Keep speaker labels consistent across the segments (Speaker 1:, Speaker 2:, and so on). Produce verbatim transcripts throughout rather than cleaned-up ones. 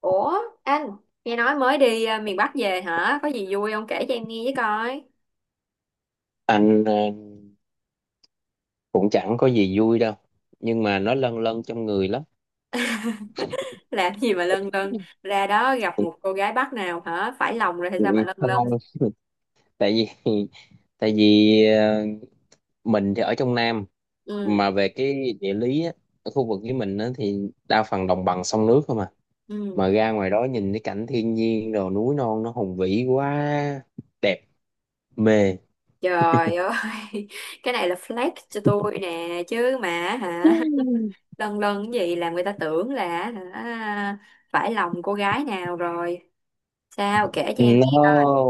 Speaker 1: Ủa, anh, nghe nói mới đi ờ, miền Bắc về hả? Có gì vui không kể cho em nghe với coi.
Speaker 2: Anh ờ, cũng chẳng có gì vui đâu, nhưng mà nó lâng lâng trong người lắm.
Speaker 1: Làm gì mà lân lân, ra đó gặp một cô gái Bắc nào hả? Phải lòng rồi hay
Speaker 2: Ừ,
Speaker 1: sao mà lân
Speaker 2: không,
Speaker 1: lân?
Speaker 2: tại vì tại vì ờ, mình thì ở trong Nam.
Speaker 1: Ừ,
Speaker 2: Mà về cái địa lý á, ở khu vực với mình á, thì đa phần đồng bằng sông nước không à.
Speaker 1: ừ.
Speaker 2: Mà ra ngoài đó nhìn cái cảnh thiên nhiên đồ núi non nó hùng vĩ quá, đẹp, mê.
Speaker 1: Trời ơi, cái này là flex cho tôi nè, chứ mà hả? Lân lân cái gì làm người ta tưởng là hả? Phải lòng cô gái nào rồi. Sao kể cho em nghe.
Speaker 2: No,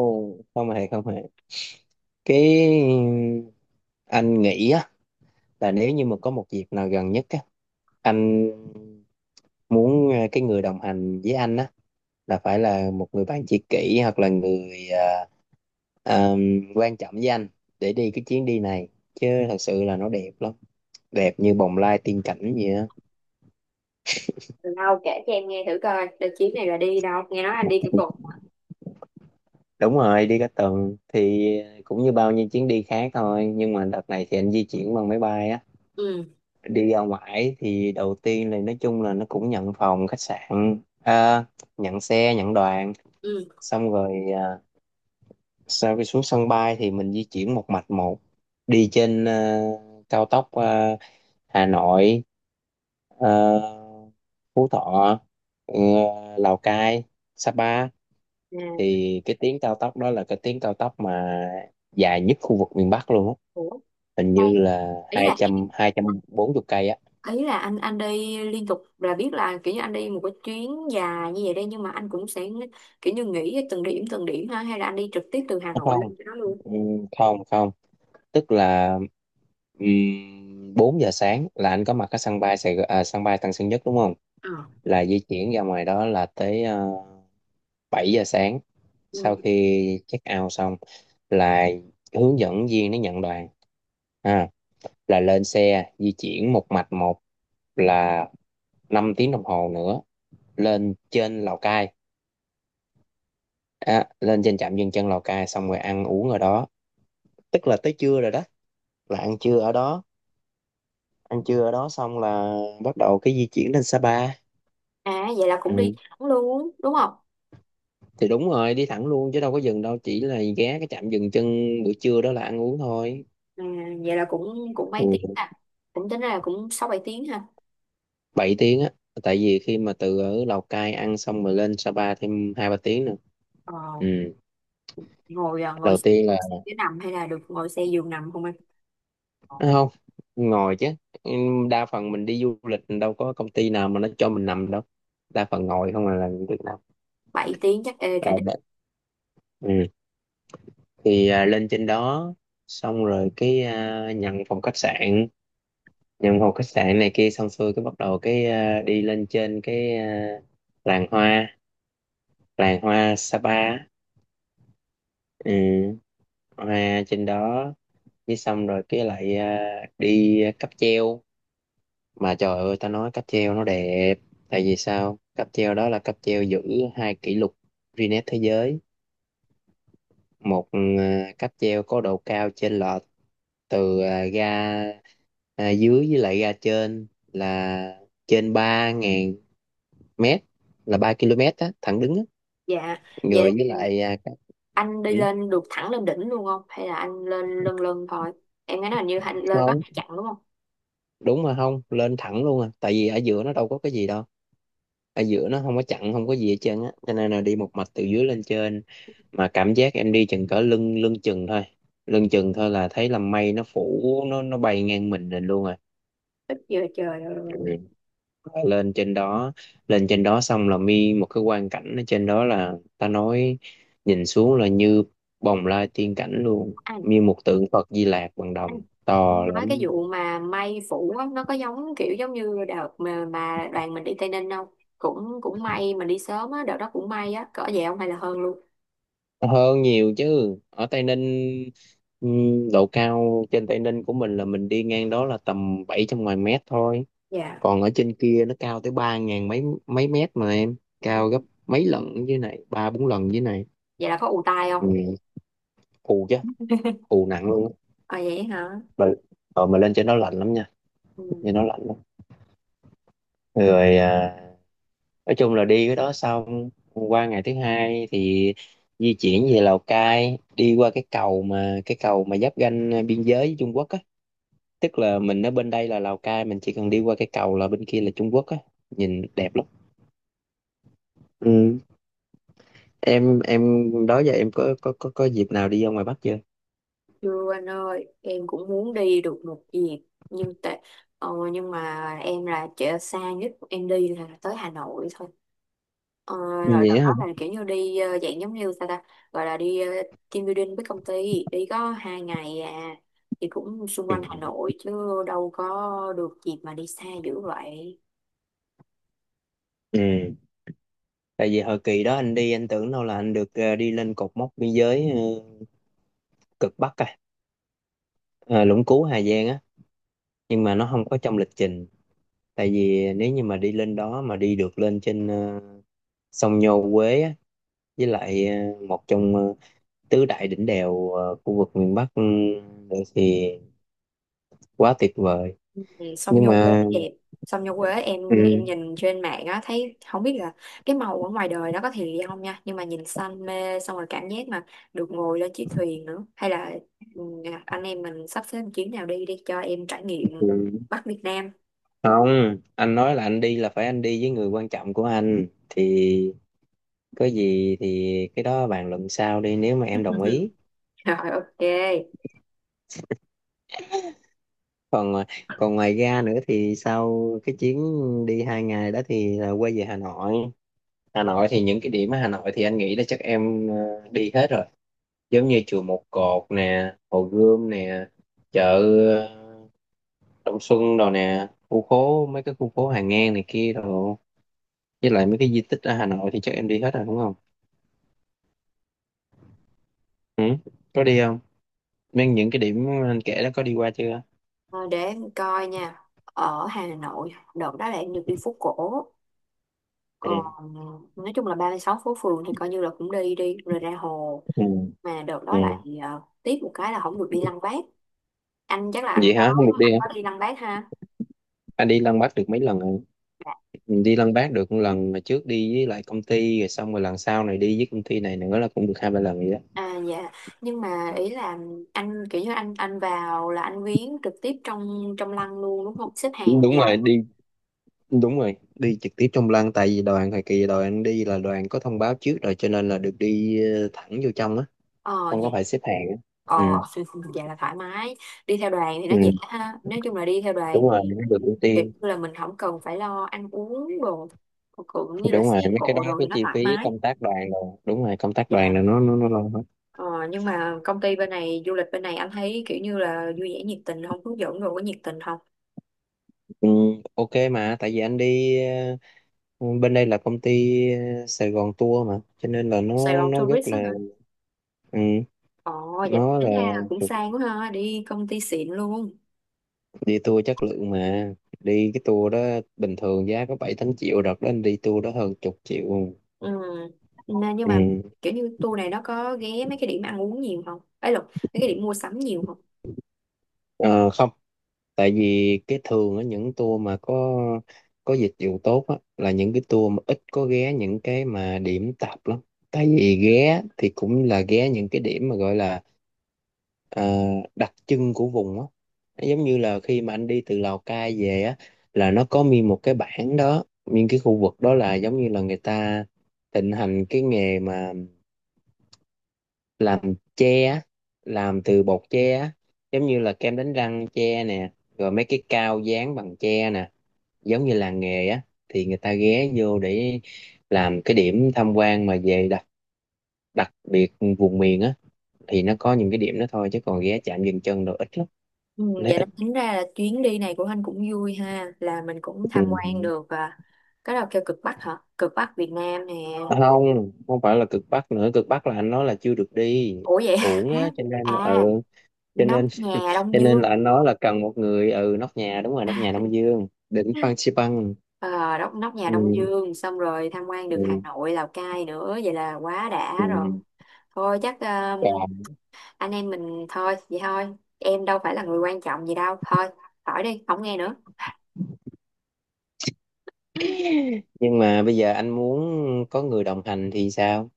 Speaker 2: không hề không hề, cái anh nghĩ á là nếu như mà có một dịp nào gần nhất á, anh muốn ờ, cái người đồng hành với anh á là phải là một người bạn tri kỷ, hoặc là người ờ, ờ, quan trọng với anh, để đi cái chuyến đi này. Chứ thật sự là nó đẹp lắm, đẹp như bồng lai tiên cảnh vậy á.
Speaker 1: Đâu kể cho em nghe thử coi, đợt chuyến này là đi đâu? Nghe nói anh đi cái cục.
Speaker 2: Đúng rồi, đi cả tuần thì cũng như bao nhiêu chuyến đi khác thôi, nhưng mà đợt này thì anh di chuyển bằng máy bay á.
Speaker 1: Ừ,
Speaker 2: Đi ra ngoài thì đầu tiên là nói chung là nó cũng nhận phòng khách sạn, ờ, nhận xe, nhận đoàn.
Speaker 1: ừ.
Speaker 2: Xong rồi ờ, sau khi xuống sân bay thì mình di chuyển một mạch một, đi trên ờ, cao tốc, ờ, Hà Nội, ờ, Phú Thọ, ờ, Lào Cai, Sapa.
Speaker 1: À,
Speaker 2: Thì cái tuyến cao tốc đó là cái tuyến cao tốc mà dài nhất khu vực miền Bắc luôn á.
Speaker 1: ủa,
Speaker 2: Hình như là
Speaker 1: ý
Speaker 2: hai
Speaker 1: là
Speaker 2: trăm, hai trăm bốn mươi cây á.
Speaker 1: ý là anh anh đi liên tục là biết là kiểu như anh đi một cái chuyến dài như vậy đây, nhưng mà anh cũng sẽ kiểu như nghỉ từng điểm từng điểm ha, hay là anh đi trực tiếp từ Hà Nội
Speaker 2: Không,
Speaker 1: lên cho nó luôn?
Speaker 2: ừm, không không, tức là um, bốn giờ sáng là anh có mặt ở sân bay Sài Gòn, à, sân bay Tân Sơn Nhất, đúng không.
Speaker 1: Ờ,
Speaker 2: Là di chuyển ra ngoài đó là tới uh, bảy giờ sáng. Sau
Speaker 1: ừ.
Speaker 2: khi check out xong là hướng dẫn viên nó nhận đoàn, à, là lên xe di chuyển một mạch một, là năm tiếng đồng hồ nữa, lên trên Lào Cai. À, lên trên trạm dừng chân Lào Cai xong rồi ăn uống ở đó, tức là tới trưa rồi đó, là ăn trưa ở đó. Ăn trưa ở đó xong là bắt đầu cái di chuyển lên Sapa.
Speaker 1: À vậy là cũng đi
Speaker 2: Ừ,
Speaker 1: thẳng luôn đúng không?
Speaker 2: thì đúng rồi, đi thẳng luôn chứ đâu có dừng đâu, chỉ là ghé cái trạm dừng chân buổi trưa đó là ăn uống thôi.
Speaker 1: À, vậy là cũng cũng mấy tiếng
Speaker 2: Ừ.
Speaker 1: à, cũng tính ra là cũng sáu bảy tiếng ha?
Speaker 2: bảy tiếng á, tại vì khi mà từ ở Lào Cai ăn xong rồi lên Sapa thêm hai ba tiếng nữa.
Speaker 1: ờ,
Speaker 2: Ừ.
Speaker 1: Ngồi à, ngồi
Speaker 2: Đầu tiên là,
Speaker 1: xe nằm hay là được ngồi xe giường nằm không anh? Ờ,
Speaker 2: à, không, ngồi chứ. Ừ, đa phần mình đi du lịch đâu có công ty nào mà nó cho mình nằm đâu, đa phần ngồi không à, là Việt Nam.
Speaker 1: bảy tiếng chắc ê
Speaker 2: Ờ,
Speaker 1: cả.
Speaker 2: đ- ừ. Thì à, lên trên đó xong rồi cái à, nhận phòng khách sạn, nhận một khách sạn này kia xong xuôi, cái bắt đầu cái ờ, đi lên trên cái ờ, làng hoa, làng hoa Sapa á. Ừ, hoa trên đó. Với xong rồi cái lại ờ, đi cáp treo. Mà trời ơi, ta nói cáp treo nó đẹp, tại vì sao, cáp treo đó là cáp treo giữ hai kỷ lục Guinness thế giới. Một ờ, cáp treo có độ cao trên lệch từ ờ, ga ờ, dưới với lại ga trên là trên ba ngàn mét, là ba ki lô mét á thẳng đứng á.
Speaker 1: Dạ, vậy
Speaker 2: Rồi với lại à, cái-
Speaker 1: anh đi
Speaker 2: ừ,
Speaker 1: lên được thẳng lên đỉnh luôn không hay là anh lên lân lân thôi? Em nghe nói hình như anh lên có
Speaker 2: không,
Speaker 1: hai chặng đúng không?
Speaker 2: đúng mà không lên thẳng luôn à, tại vì ở giữa nó đâu có cái gì đâu. Ở giữa nó không có chặn, không có gì hết trơn á, cho nên là đi một mạch từ dưới lên trên. Mà cảm giác em đi chừng cỡ lưng lưng chừng thôi, lưng chừng thôi, là thấy là mây nó phủ, nó nó bay ngang mình lên luôn.
Speaker 1: Ít giờ trời ơi,
Speaker 2: À, lên trên đó, lên trên đó xong là mi một cái quang cảnh ở trên đó là ta nói, nhìn xuống là như bồng lai tiên cảnh luôn,
Speaker 1: anh
Speaker 2: như một tượng Phật Di Lặc bằng
Speaker 1: anh
Speaker 2: đồng to
Speaker 1: nói cái
Speaker 2: lắm.
Speaker 1: vụ mà may phủ á, nó có giống kiểu giống như đợt mà, mà đoàn mình đi Tây Ninh không? Cũng cũng may mình đi sớm á, đợt đó cũng may á cỡ vậy không hay là hơn luôn?
Speaker 2: Hơn nhiều chứ, ở Tây Ninh, ừm, độ cao trên Tây Ninh của mình là mình đi ngang đó là tầm bảy trăm ngoài mét thôi.
Speaker 1: Dạ.
Speaker 2: Còn ở trên kia nó cao tới ba ngàn mấy, mấy mét mà em, cao gấp mấy lần dưới này, ba bốn lần dưới này.
Speaker 1: Vậy là có ù tai không?
Speaker 2: Ừ, phù chứ, phù nặng luôn á.
Speaker 1: À vậy hả.
Speaker 2: Mà- rồi mà lên trên đó lạnh lắm nha,
Speaker 1: Ừ.
Speaker 2: thì nó lạnh lắm. Rồi à, nói chung là đi cái đó xong, qua ngày thứ hai thì di chuyển về Lào Cai, đi qua cái cầu mà cái cầu mà giáp ranh biên giới với Trung Quốc á. Tức là mình ở bên đây là Lào Cai, mình chỉ cần đi qua cái cầu là bên kia là Trung Quốc á, nhìn đẹp lắm. Ừ. em em đó giờ em có có có có dịp nào đi ra ngoài Bắc chưa?
Speaker 1: Chưa anh ơi, em cũng muốn đi được một dịp nhưng tại ờ, nhưng mà em là chợ xa nhất em đi là tới Hà Nội thôi. Ờ, rồi đợt
Speaker 2: Vậy á hả.
Speaker 1: đó là kiểu như đi ờ, dạng giống như sao ta gọi là đi ờ, team building với công ty đi có hai ngày à, thì cũng xung quanh Hà
Speaker 2: Ừ.
Speaker 1: Nội chứ đâu có được dịp mà đi xa dữ vậy.
Speaker 2: Ừ. Tại vì hồi kỳ đó anh đi, anh tưởng đâu là anh được ờ, đi lên cột mốc biên giới ờ, cực Bắc, à, à Lũng Cú Hà Giang á, nhưng mà nó không có trong lịch trình. Tại vì nếu như mà đi lên đó mà đi được lên trên ờ, sông Nho Quế á, với lại ờ, một trong ờ, tứ đại đỉnh đèo ờ, khu vực miền Bắc ừ, nữa thì quá tuyệt vời.
Speaker 1: Song
Speaker 2: Nhưng
Speaker 1: nhung quế
Speaker 2: mà
Speaker 1: đẹp, song nhung quế em
Speaker 2: ừ,
Speaker 1: em nhìn trên mạng á thấy không biết là cái màu ở ngoài đời nó có thiệt hay không nha, nhưng mà nhìn xanh mê, xong rồi cảm giác mà được ngồi lên chiếc thuyền nữa, hay là ừ, anh em mình sắp xếp một chuyến nào đi đi cho em trải nghiệm
Speaker 2: ừ,
Speaker 1: Bắc Việt Nam.
Speaker 2: không, anh nói là anh đi là phải anh đi với người quan trọng của anh thì có gì thì cái đó bàn luận sau đi, nếu mà em đồng ý.
Speaker 1: Rồi ok.
Speaker 2: Còn ờ, còn ngoài ra nữa thì sau cái chuyến đi hai ngày đó thì là quay về Hà Nội. Hà Nội thì những cái điểm ở Hà Nội thì anh nghĩ là chắc em ờ, đi hết rồi, giống như chùa Một Cột nè, Hồ Gươm nè, chợ ờ, Đông Xuân đồ nè, khu phố mấy cái khu phố Hàng Ngang này kia đồ, với lại mấy cái di tích ở Hà Nội thì chắc em đi hết rồi đúng không? Ừ? Có đi không, mấy những cái điểm anh kể đó có đi qua chưa?
Speaker 1: Ờ, để em coi nha, ở Hà Nội đợt đó là em được đi phố cổ,
Speaker 2: Ừ.
Speaker 1: còn ừ, nói chung là ba mươi sáu phố phường thì coi như là cũng đi đi rồi ra hồ,
Speaker 2: Ừ.
Speaker 1: mà đợt
Speaker 2: Ừ.
Speaker 1: đó lại ờ, tiếc một cái là không được đi Lăng Bác. Anh chắc là anh
Speaker 2: Vậy
Speaker 1: có,
Speaker 2: hả, không được đi
Speaker 1: anh
Speaker 2: hả?
Speaker 1: có đi Lăng Bác ha?
Speaker 2: Anh đi Lăng Bác được mấy lần rồi.
Speaker 1: Dạ.
Speaker 2: Ừ, đi Lăng Bác được một lần mà trước đi với lại công ty, rồi xong rồi lần sau này đi với công ty này nữa, là cũng được hai ba lần vậy đó.
Speaker 1: À dạ, nhưng mà ý là anh kiểu như anh anh vào là anh viếng trực tiếp trong trong lăng luôn đúng không, xếp
Speaker 2: Ừ,
Speaker 1: hàng
Speaker 2: đúng
Speaker 1: dài
Speaker 2: rồi,
Speaker 1: không?
Speaker 2: đi. Đúng rồi, đi trực tiếp trong lăng, tại vì đoàn thời kỳ đoàn anh đi là đoàn có thông báo trước rồi, cho nên là được đi ờ, thẳng vô trong á,
Speaker 1: Ờ,
Speaker 2: không có
Speaker 1: dạ.
Speaker 2: phải xếp hàng á.
Speaker 1: Ờ,
Speaker 2: Ừ.
Speaker 1: vậy là thoải mái, đi theo đoàn thì nó
Speaker 2: Ừ,
Speaker 1: dễ ha, nói chung là đi theo đoàn
Speaker 2: đúng rồi,
Speaker 1: thì
Speaker 2: nó được ưu
Speaker 1: kiểu
Speaker 2: tiên.
Speaker 1: như là mình không cần phải lo ăn uống đồ cũng như là
Speaker 2: Đúng
Speaker 1: xe
Speaker 2: rồi, mấy cái
Speaker 1: cộ,
Speaker 2: đó cái
Speaker 1: rồi nó
Speaker 2: chi
Speaker 1: thoải
Speaker 2: phí
Speaker 1: mái.
Speaker 2: công tác đoàn rồi, đúng rồi, công tác
Speaker 1: Dạ.
Speaker 2: đoàn là nó nó nó lo hết.
Speaker 1: Ờ, nhưng mà công ty bên này, du lịch bên này anh thấy kiểu như là vui vẻ nhiệt tình không, hướng dẫn rồi có nhiệt tình không?
Speaker 2: Ừ, ok, mà tại vì anh đi ờ, bên đây là công ty ờ, Sài Gòn Tour mà, cho nên là
Speaker 1: Sài
Speaker 2: nó
Speaker 1: Gòn
Speaker 2: nó rất
Speaker 1: tourist á
Speaker 2: là
Speaker 1: hả?
Speaker 2: ừ,
Speaker 1: Ồ, dạ
Speaker 2: nó
Speaker 1: tính
Speaker 2: là
Speaker 1: ra là cũng sang quá ha, đi công ty xịn luôn.
Speaker 2: đi tour chất lượng mà. Đi cái tour đó bình thường giá có bảy tám triệu, đợt đó anh đi tour đó hơn chục triệu.
Speaker 1: Ừ. Nên nhưng mà
Speaker 2: Ừ.
Speaker 1: kiểu như tour này nó có ghé mấy cái điểm ăn uống nhiều không? Ấy lộn, mấy cái điểm mua sắm nhiều không?
Speaker 2: Ờ, không, tại vì cái thường ở những tour mà có có dịch vụ tốt á, là những cái tour mà ít có ghé những cái mà điểm tạp lắm. Tại vì ghé thì cũng là ghé những cái điểm mà gọi là ờ, đặc trưng của vùng á. Nó giống như là khi mà anh đi từ Lào Cai về á, là nó có nguyên một cái bản đó, nguyên cái khu vực đó là giống như là người ta thịnh hành cái nghề mà làm tre á, làm từ bột tre á, giống như là kem đánh răng tre nè, rồi mấy cái cao dán bằng tre nè, giống như làng nghề á. Thì người ta ghé vô để làm cái điểm tham quan mà về đặc đặc biệt vùng miền á, thì nó có những cái điểm đó thôi, chứ còn ghé chạm dừng chân đồ ít lắm.
Speaker 1: Ừ, vậy đó tính ra là chuyến đi này của anh cũng vui ha, là mình cũng tham quan
Speaker 2: Ừ.
Speaker 1: được à. Cái nào kêu cực Bắc hả? Cực Bắc Việt Nam nè.
Speaker 2: À, không, không phải là cực Bắc, nữa cực Bắc là anh nói là chưa được đi,
Speaker 1: Ủa vậy?
Speaker 2: uổng á,
Speaker 1: Hả?
Speaker 2: cho nên
Speaker 1: À,
Speaker 2: ừ, cho
Speaker 1: nóc
Speaker 2: nên
Speaker 1: nhà Đông
Speaker 2: cho nên là
Speaker 1: Dương.
Speaker 2: anh nói là cần một người, ừ, nóc nhà, đúng rồi, nóc nhà Đông Dương, đỉnh Phan Xi Păng.
Speaker 1: Ờ, đốc nóc nhà Đông
Speaker 2: Ừ,
Speaker 1: Dương xong rồi tham quan được Hà
Speaker 2: ừ.
Speaker 1: Nội, Lào Cai nữa, vậy là quá đã rồi. Thôi chắc
Speaker 2: Còn-
Speaker 1: anh em mình thôi vậy thôi, em đâu phải là người quan trọng gì đâu, thôi khỏi đi không nghe nữa.
Speaker 2: nhưng mà bây giờ anh muốn có người đồng hành thì sao?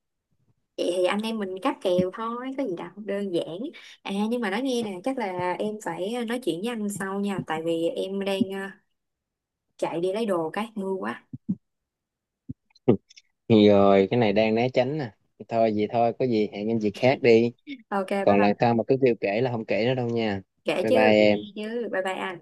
Speaker 1: Vậy thì anh em mình cáp kèo thôi có gì đâu, đơn giản. À nhưng mà nói nghe nè, chắc là em phải nói chuyện với anh sau nha, tại vì em đang ờ, chạy đi lấy đồ cái mưa quá.
Speaker 2: Rồi, cái này đang né tránh nè, thôi vậy thôi, có gì hẹn em dịp khác đi.
Speaker 1: Ok bye
Speaker 2: Còn lần
Speaker 1: bye.
Speaker 2: sau mà cứ kêu kể là không kể nữa đâu nha.
Speaker 1: Kể
Speaker 2: Bye bye
Speaker 1: chứ, cũng nghe
Speaker 2: em.
Speaker 1: chứ, bye bye anh.